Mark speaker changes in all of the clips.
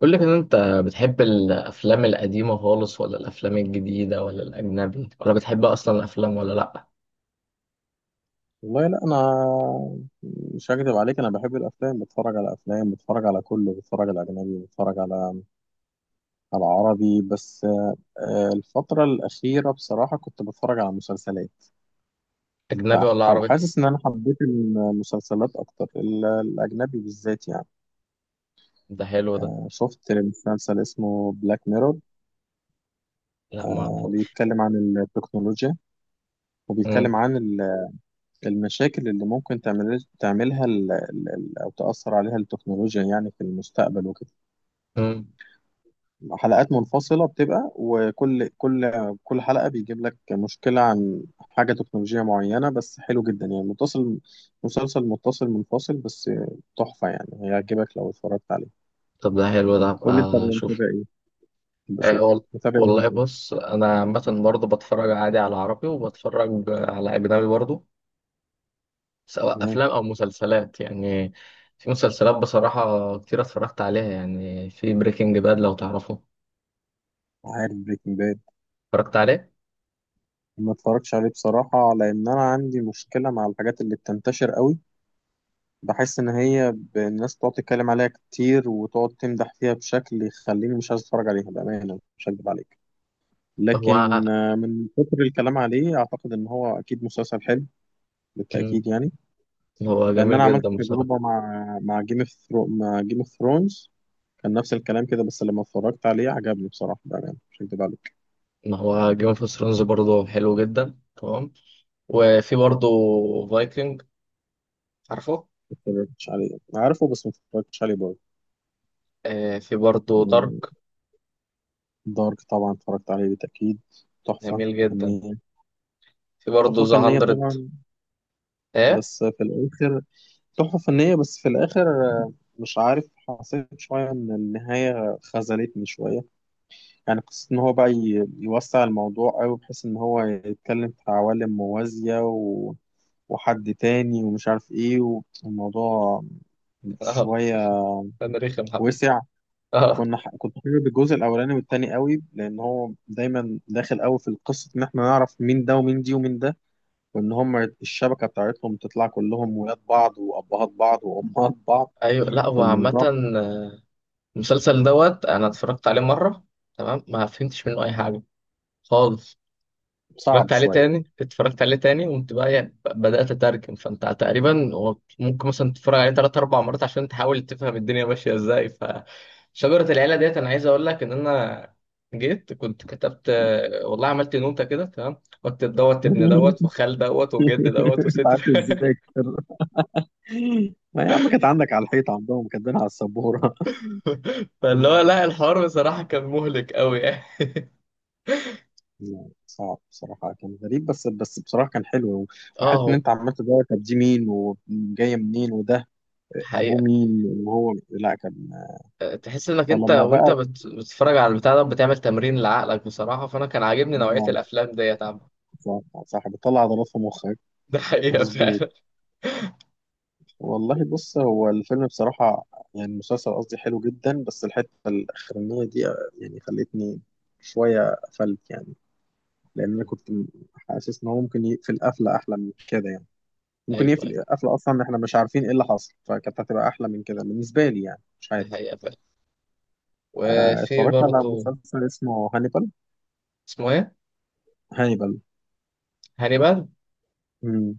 Speaker 1: قول لك ان انت بتحب الافلام القديمه خالص، ولا الافلام الجديده، ولا الاجنبي، ولا بتحب اصلا الافلام ولا لا؟
Speaker 2: والله لا، انا مش هكدب عليك. انا بحب الافلام، بتفرج على افلام، بتفرج على كله، بتفرج على اجنبي، بتفرج على عربي. بس الفتره الاخيره بصراحه كنت بتفرج على مسلسلات،
Speaker 1: اجنبي ولا عربي؟
Speaker 2: فحاسس ان انا حبيت المسلسلات اكتر، الاجنبي بالذات يعني.
Speaker 1: ده حلو ده.
Speaker 2: شفت مسلسل اسمه بلاك ميرور،
Speaker 1: لا ما اعرفوش.
Speaker 2: بيتكلم عن التكنولوجيا
Speaker 1: امم.
Speaker 2: وبيتكلم عن المشاكل اللي ممكن تعملها او تاثر عليها التكنولوجيا يعني في المستقبل وكده.
Speaker 1: أمم.
Speaker 2: حلقات منفصلة بتبقى، وكل كل كل حلقة بيجيب لك مشكلة عن حاجة تكنولوجية معينة، بس حلو جدا يعني. متصل مسلسل متصل منفصل، بس تحفة يعني، هيعجبك لو اتفرجت عليه.
Speaker 1: طب ده حلو ده، هبقى
Speaker 2: قول لي انت
Speaker 1: اشوف.
Speaker 2: متابع ايه
Speaker 1: أه
Speaker 2: بشوف.
Speaker 1: وال-
Speaker 2: متابع ايه
Speaker 1: والله
Speaker 2: انت؟
Speaker 1: بص، انا عامه برضه بتفرج عادي على عربي، وبتفرج على اجنبي برضه، سواء
Speaker 2: تمام.
Speaker 1: افلام او مسلسلات يعني. في مسلسلات بصراحه كتير اتفرجت عليها، يعني في بريكنج باد، لو تعرفه.
Speaker 2: عارف بريكنج باد،
Speaker 1: اتفرجت عليه.
Speaker 2: ما اتفرجتش عليه بصراحة، لأن أنا عندي مشكلة مع الحاجات اللي بتنتشر قوي. بحس إن هي الناس بتقعد تتكلم عليها كتير وتقعد تمدح فيها بشكل يخليني مش عايز أتفرج عليها، بأمانة مش هكدب عليك.
Speaker 1: هو.
Speaker 2: لكن من كتر الكلام عليه، اعتقد ان هو اكيد مسلسل حلو،
Speaker 1: أمم.
Speaker 2: بالتاكيد يعني.
Speaker 1: هو
Speaker 2: لان
Speaker 1: جميل
Speaker 2: انا عملت
Speaker 1: جدا بصراحه.
Speaker 2: تجربه مع جيم مع جيم اوف ثرونز، كان نفس الكلام كده، بس لما اتفرجت عليه عجبني بصراحه، بامانه مش هكدب عليك.
Speaker 1: ما هو جيم اوف ثرونز برضه حلو جدا، تمام. وفي برضه فايكنج، عارفه؟
Speaker 2: ما اتفرجتش عليه، انا عارفه بس ما اتفرجتش عليه برضه.
Speaker 1: آه، في برضه دارك.
Speaker 2: يعني دارك طبعا اتفرجت عليه بالتاكيد، تحفه
Speaker 1: جميل جدا.
Speaker 2: فنيه.
Speaker 1: في برضه
Speaker 2: تحفه
Speaker 1: ذا
Speaker 2: فنيه
Speaker 1: هاندرد.
Speaker 2: طبعا،
Speaker 1: ايه.
Speaker 2: بس في الاخر، تحفه فنيه بس في الاخر مش عارف، حسيت شويه ان النهايه خذلتني شويه. يعني قصة إن هو بقى يوسع الموضوع أوي بحيث إن هو يتكلم في عوالم موازية وحد تاني ومش عارف إيه، والموضوع
Speaker 1: اه.
Speaker 2: شوية
Speaker 1: انا رخم حب.
Speaker 2: وسع.
Speaker 1: اه.
Speaker 2: كنت حابب الجزء الأولاني والتاني قوي، لأن هو دايما داخل قوي في القصة، إن إحنا نعرف مين ده ومين دي ومين ده، وإن هم الشبكة بتاعتهم تطلع كلهم ولاد بعض وأبهات بعض وأمهات بعض.
Speaker 1: ايوه، لا هو عامة.
Speaker 2: فالموضوع
Speaker 1: آه، المسلسل دوت انا اتفرجت عليه مرة، تمام. ما فهمتش منه اي حاجة خالص.
Speaker 2: صعب
Speaker 1: اتفرجت عليه
Speaker 2: شوية.
Speaker 1: تاني، اتفرجت عليه تاني وانت بقى يعني، بدأت اترجم. فانت تقريبا هو ممكن مثلا تتفرج عليه تلات اربع مرات عشان تحاول تفهم الدنيا ماشية ازاي. فشجرة العيلة ديت انا عايز اقول لك ان انا جيت كنت كتبت، والله عملت نوتة كده، تمام. واكتب دوت ابن، دوت وخال، دوت وجد، دوت
Speaker 2: أنت
Speaker 1: وست
Speaker 2: عارف إزاي، ما يا عم كانت عندك على الحيطة، عندهم كاتبينها على السبورة.
Speaker 1: فاللي هو
Speaker 2: مم.
Speaker 1: لا، الحوار بصراحة كان مهلك قوي يعني.
Speaker 2: لا، صعب بصراحة، كان غريب، بس بصراحة كان حلو.
Speaker 1: اه
Speaker 2: وحتى إن
Speaker 1: هو
Speaker 2: أنت عمال تدور، طب دي مين وجاية منين، وده أبوه
Speaker 1: حقيقة.
Speaker 2: مين، وهو لا كان.
Speaker 1: تحس انك انت
Speaker 2: فلما
Speaker 1: وانت
Speaker 2: بقى
Speaker 1: بتتفرج على البتاع ده، بتعمل تمرين لعقلك بصراحة، فانا كان عاجبني نوعية
Speaker 2: آه،
Speaker 1: الافلام ديت، عم
Speaker 2: صح. صح، بتطلع عضلات في مخك،
Speaker 1: ده حقيقة
Speaker 2: مظبوط.
Speaker 1: فعلا
Speaker 2: والله بص، هو الفيلم بصراحة، يعني المسلسل قصدي، حلو جدا، بس الحتة الأخرانية دي يعني خلتني شوية قفلت يعني. لان انا حاسس ان هو ممكن يقفل قفله احلى من كده يعني. ممكن
Speaker 1: ايوه، ايوه.
Speaker 2: يقفل قفله اصلا احنا مش عارفين ايه اللي حصل، فكانت هتبقى احلى من كده بالنسبه لي يعني، مش
Speaker 1: ده
Speaker 2: عارف.
Speaker 1: حقيقة فعلا. وفي
Speaker 2: اتفرجت على
Speaker 1: برضو.
Speaker 2: مسلسل اسمه هانيبال.
Speaker 1: اسمه ايه؟
Speaker 2: هانيبال.
Speaker 1: هانيبال.
Speaker 2: مم.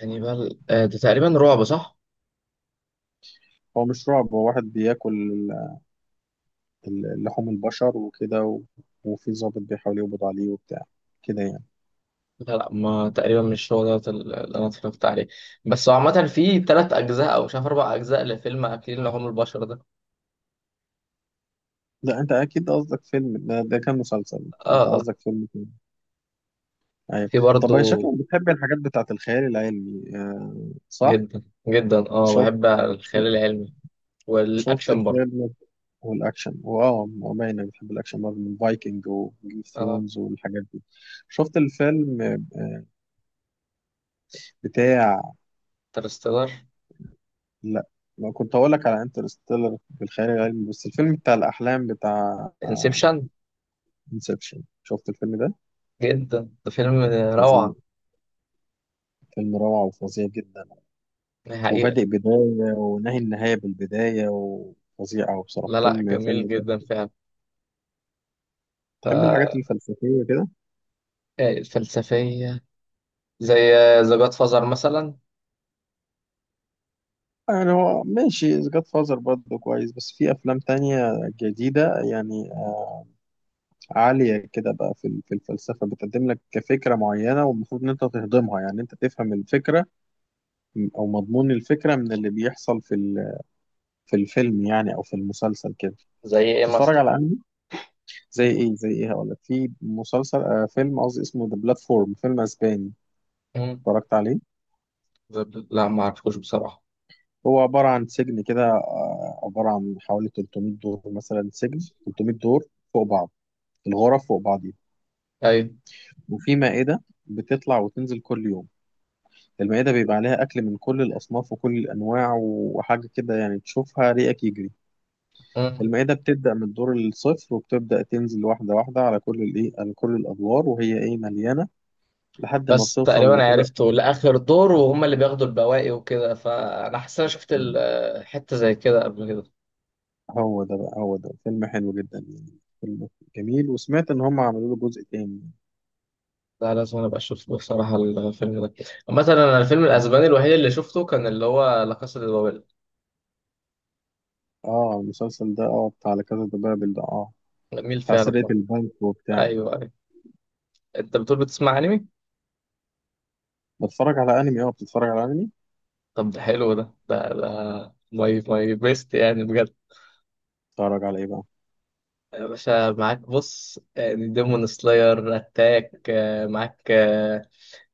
Speaker 1: هانيبال، آه، ده تقريبا رعب، صح؟
Speaker 2: هو مش رعب، هو واحد بياكل لحوم البشر وكده وفي ضابط بيحاول يقبض عليه وبتاع كده يعني.
Speaker 1: لا لا، ما تقريبا مش هو دوت اللي انا اتفرجت عليه. بس هو عامة في 3 اجزاء او مش عارف 4 اجزاء لفيلم اكلين لحوم البشر ده.
Speaker 2: لا انت اكيد قصدك فيلم ده، ده كان مسلسل.
Speaker 1: اه
Speaker 2: انت
Speaker 1: اه.
Speaker 2: قصدك فيلم تاني. ايوه.
Speaker 1: في
Speaker 2: طب انا
Speaker 1: برضو.
Speaker 2: شكلك بتحب الحاجات بتاعت الخيال العلمي، آه صح.
Speaker 1: جدا. جدا، اه
Speaker 2: شوف،
Speaker 1: بحب الخيال العلمي
Speaker 2: شفت
Speaker 1: والاكشن برضو.
Speaker 2: الفيلم، والاكشن، واه، هو باين انا بحب الاكشن برضه من فايكنج وجيم اوف
Speaker 1: اه.
Speaker 2: ثرونز والحاجات دي. شفت الفيلم بتاع؟
Speaker 1: انترستيلر.
Speaker 2: لا، ما كنت اقول لك على انترستيلر بالخيال العلمي، بس الفيلم بتاع الاحلام، بتاع
Speaker 1: انسبشن.
Speaker 2: انسبشن. شفت الفيلم ده؟
Speaker 1: جدا، ده فيلم
Speaker 2: فظيع،
Speaker 1: روعة.
Speaker 2: فيلم روعة وفظيع جدا،
Speaker 1: حقيقة.
Speaker 2: وبادئ بداية ونهي النهاية بالبداية، وفظيع أوي بصراحة،
Speaker 1: لا لا،
Speaker 2: فيلم
Speaker 1: جميل
Speaker 2: فيلم كده.
Speaker 1: جدا فعلا.
Speaker 2: تحب الحاجات
Speaker 1: ف-
Speaker 2: الفلسفية كده؟
Speaker 1: الفلسفية زي ذا جاد فازر مثلا.
Speaker 2: يعني هو ماشي، جاد فازر برضه كويس، بس في أفلام تانية جديدة يعني، عالية كده بقى في في الفلسفة، بتقدم لك كفكرة معينة والمفروض إن أنت تهضمها، يعني أنت تفهم الفكرة أو مضمون الفكرة من اللي بيحصل في في الفيلم يعني أو في المسلسل كده.
Speaker 1: زي ايه
Speaker 2: بتتفرج
Speaker 1: مثلا؟
Speaker 2: على أنمي؟ زي إيه زي إيه، هقول لك في مسلسل آه فيلم قصدي اسمه ذا بلاتفورم، فيلم أسباني،
Speaker 1: مم.
Speaker 2: اتفرجت عليه؟
Speaker 1: لا ما اعرفوش بصراحة.
Speaker 2: هو عبارة عن سجن كده، عبارة عن حوالي 300 دور مثلا، سجن 300 دور فوق بعض، الغرف فوق بعضيها،
Speaker 1: ايوه.
Speaker 2: وفي مائدة بتطلع وتنزل كل يوم. المائدة بيبقى عليها أكل من كل الأصناف وكل الأنواع وحاجة كده، يعني تشوفها ريقك يجري.
Speaker 1: مم.
Speaker 2: المائدة بتبدأ من الدور الصفر وبتبدأ تنزل واحدة واحدة على كل الإيه على كل الأدوار وهي إيه مليانة، لحد ما
Speaker 1: بس
Speaker 2: بتوصل
Speaker 1: تقريبا
Speaker 2: لكده.
Speaker 1: عرفته لآخر دور، وهم اللي بياخدوا البواقي وكده، فأنا حاسس إن أنا شفت حتة زي كده قبل كده.
Speaker 2: هو ده بقى، هو ده فيلم حلو جدا يعني، فيلم جميل، وسمعت إن هم عملوا له جزء تاني.
Speaker 1: لا، لازم أنا أبقى أشوف بصراحة الفيلم ده. مثلا أنا الفيلم الأسباني الوحيد اللي شفته كان اللي هو لا كاسا دي بابل.
Speaker 2: اه، المسلسل ده اه، بتاع لا كازا دي بابل ده، اه،
Speaker 1: جميل
Speaker 2: بتاع
Speaker 1: فعلا
Speaker 2: سرقة
Speaker 1: ده.
Speaker 2: البنك وبتاع.
Speaker 1: أيوه أيوه. انت بتقول بتسمع انمي.
Speaker 2: بتتفرج على أنمي، اه بتتفرج على أنمي.
Speaker 1: طب ده حلو ده، ماي بيست يعني بجد.
Speaker 2: اتفرج على ايه بقى؟
Speaker 1: يا باشا معاك، بص يعني ديمون سلاير، اتاك، معاك، آه،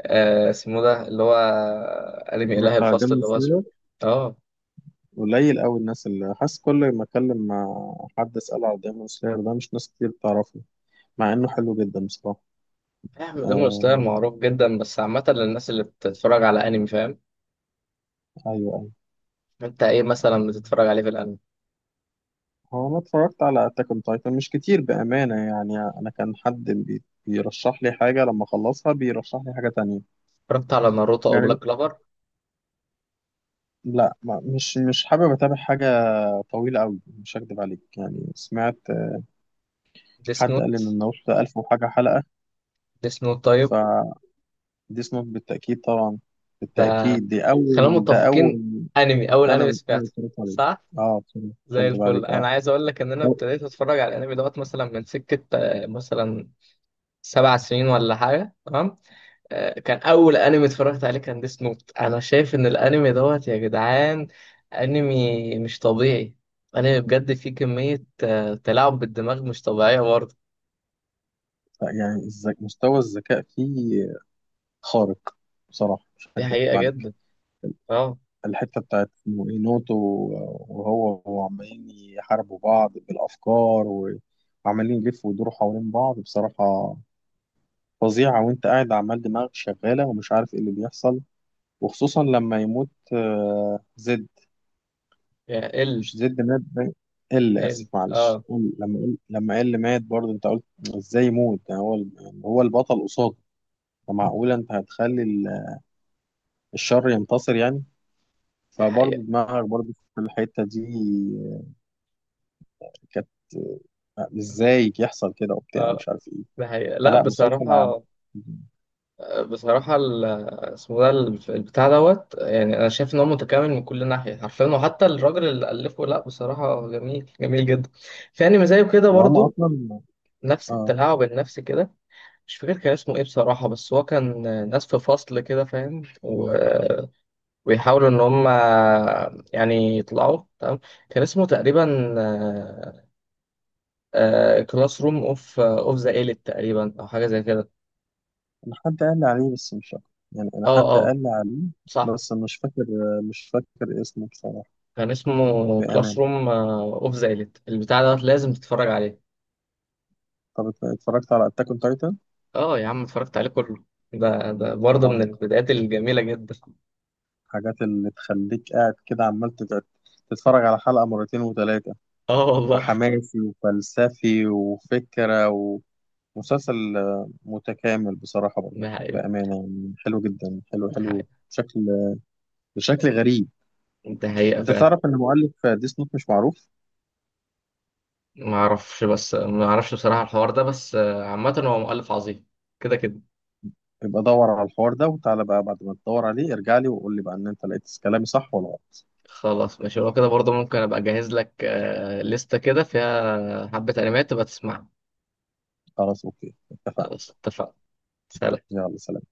Speaker 1: آه، اسمه ده اللي هو انمي اله
Speaker 2: اتفرجت على
Speaker 1: الفصل
Speaker 2: ديمون
Speaker 1: اللي هو اسمه.
Speaker 2: سلاير،
Speaker 1: اه.
Speaker 2: قليل قوي الناس اللي، حاسس كل ما اتكلم مع حد اساله على ديمون سلاير ده، مش ناس كتير بتعرفه، مع انه حلو جدا بصراحه.
Speaker 1: فاهم، ديمون سلاير
Speaker 2: آه...
Speaker 1: معروف جدا، بس عامة للناس اللي بتتفرج على انمي، فاهم.
Speaker 2: ايوه ايوه.
Speaker 1: انت ايه مثلا بتتفرج عليه في الانمي؟
Speaker 2: هو انا اتفرجت على اتاك اون تايتن، مش كتير بامانه يعني، انا كان حد بيرشح لي حاجه لما اخلصها بيرشح لي حاجه تانية
Speaker 1: اتفرجت على ناروتو او بلاك
Speaker 2: يعني.
Speaker 1: كلوفر؟
Speaker 2: لا، ما مش مش حابب اتابع حاجه طويله قوي مش هكدب عليك يعني. سمعت
Speaker 1: ديس
Speaker 2: حد
Speaker 1: نوت.
Speaker 2: قال ان الناروتو ده 1000 وحاجه حلقه.
Speaker 1: ديس نوت،
Speaker 2: ف
Speaker 1: طيب.
Speaker 2: دي سموك بالتأكيد طبعا،
Speaker 1: ده،
Speaker 2: بالتأكيد دي
Speaker 1: خلينا
Speaker 2: أول، ده
Speaker 1: متفقين،
Speaker 2: أول.
Speaker 1: انمي، اول
Speaker 2: أنا
Speaker 1: انمي
Speaker 2: أنا
Speaker 1: سمعته.
Speaker 2: اتفرجت عليه
Speaker 1: صح.
Speaker 2: أه، بصراحة مش
Speaker 1: زي
Speaker 2: هكدب
Speaker 1: الفل.
Speaker 2: عليك أه.
Speaker 1: انا عايز اقول لك ان انا
Speaker 2: هو-
Speaker 1: ابتديت اتفرج على الانمي دوت مثلا من سكه، مثلا 7 سنين ولا حاجه، تمام. آه، كان اول انمي اتفرجت عليه كان ديس نوت. انا شايف ان الانمي دوت يا جدعان انمي مش طبيعي. انمي بجد فيه كميه، تلاعب بالدماغ مش طبيعيه برضه.
Speaker 2: يعني مستوى الذكاء فيه خارق، بصراحة مش
Speaker 1: دي
Speaker 2: هكدب
Speaker 1: حقيقه
Speaker 2: عليك.
Speaker 1: جدا. اه.
Speaker 2: الحتة بتاعت إنه إيه نوتو، وعمالين يحاربوا بعض بالأفكار وعمالين يلفوا ويدوروا حوالين بعض، بصراحة فظيعة. وأنت قاعد عمال دماغك شغالة ومش عارف إيه اللي بيحصل، وخصوصا لما يموت زد.
Speaker 1: يا ال
Speaker 2: مش زد، مات باين، ال
Speaker 1: ال
Speaker 2: اسف معلش،
Speaker 1: اه
Speaker 2: ال لما ال لما ال مات برضه انت قلت ازاي يموت ده، هو يعني هو البطل قصاده، فمعقوله انت هتخلي الشر ينتصر يعني.
Speaker 1: دي
Speaker 2: فبرضه
Speaker 1: حقيقه.
Speaker 2: دماغك برضه في الحته دي كانت، ازاي يحصل كده وبتاع
Speaker 1: اه،
Speaker 2: مش عارف ايه.
Speaker 1: دي حقيقه، لا
Speaker 2: فلا، مسلسل عن،
Speaker 1: بصراحه. بصراحة اسمه ده البتاع دوت يعني، أنا شايف إن هو متكامل من كل ناحية حرفيا، وحتى الراجل اللي ألفه، لأ بصراحة جميل جميل جدا. في أنمي زيه كده
Speaker 2: ده هما
Speaker 1: برضه،
Speaker 2: اصلا،
Speaker 1: نفس
Speaker 2: اه.
Speaker 1: التلاعب النفسي كده. مش فاكر كان اسمه إيه بصراحة، بس هو كان ناس في فصل كده، فاهم، ويحاولوا إن هم يعني يطلعوا، تمام. كان اسمه تقريبا كلاس روم أوف ذا إيليت، تقريبا أو حاجة زي كده.
Speaker 2: انا حد قال لي عليه بس مش فاكر يعني انا
Speaker 1: أه
Speaker 2: حد
Speaker 1: أه.
Speaker 2: قال لي عليه
Speaker 1: صح.
Speaker 2: بس مش فاكر، مش فاكر اسمه بصراحه،
Speaker 1: كان اسمه كلاس
Speaker 2: بامانه.
Speaker 1: روم اوف ذا إليت، البتاع ده لازم تتفرج عليه.
Speaker 2: طب اتفرجت على اتاك اون تايتن؟
Speaker 1: اه يا عم، اتفرجت عليه كله. ده برضه من البدايات الجميلة جدا.
Speaker 2: الحاجات اللي تخليك قاعد كده عمال تتفرج على حلقة مرتين وتلاتة،
Speaker 1: اه والله.
Speaker 2: وحماسي وفلسفي وفكرة ومسلسل متكامل بصراحة برضه،
Speaker 1: ده حقيقة.
Speaker 2: بأمانة يعني حلو جدا، حلو
Speaker 1: ده
Speaker 2: حلو
Speaker 1: حقيقة.
Speaker 2: بشكل، بشكل غريب.
Speaker 1: ده حقيقة
Speaker 2: أنت
Speaker 1: فعلا.
Speaker 2: تعرف إن مؤلف ديس نوت مش معروف؟
Speaker 1: ما اعرفش، بس ما اعرفش بصراحة الحوار ده بس، عامة هو مؤلف عظيم، كده كده.
Speaker 2: يبقى دور على الحوار ده، وتعالى بقى بعد ما تدور عليه ارجع لي وقول لي بقى إن أنت لقيت كلامي صح ولا غلط.
Speaker 1: خلاص، ماشي لو كده. برضه ممكن ابقى اجهز لك، لستة كده فيها حبة انميات تبقى تسمعها.
Speaker 2: خلاص أوكي اتفقنا.
Speaker 1: خلاص اتفقنا. سلام.
Speaker 2: يلا سلام.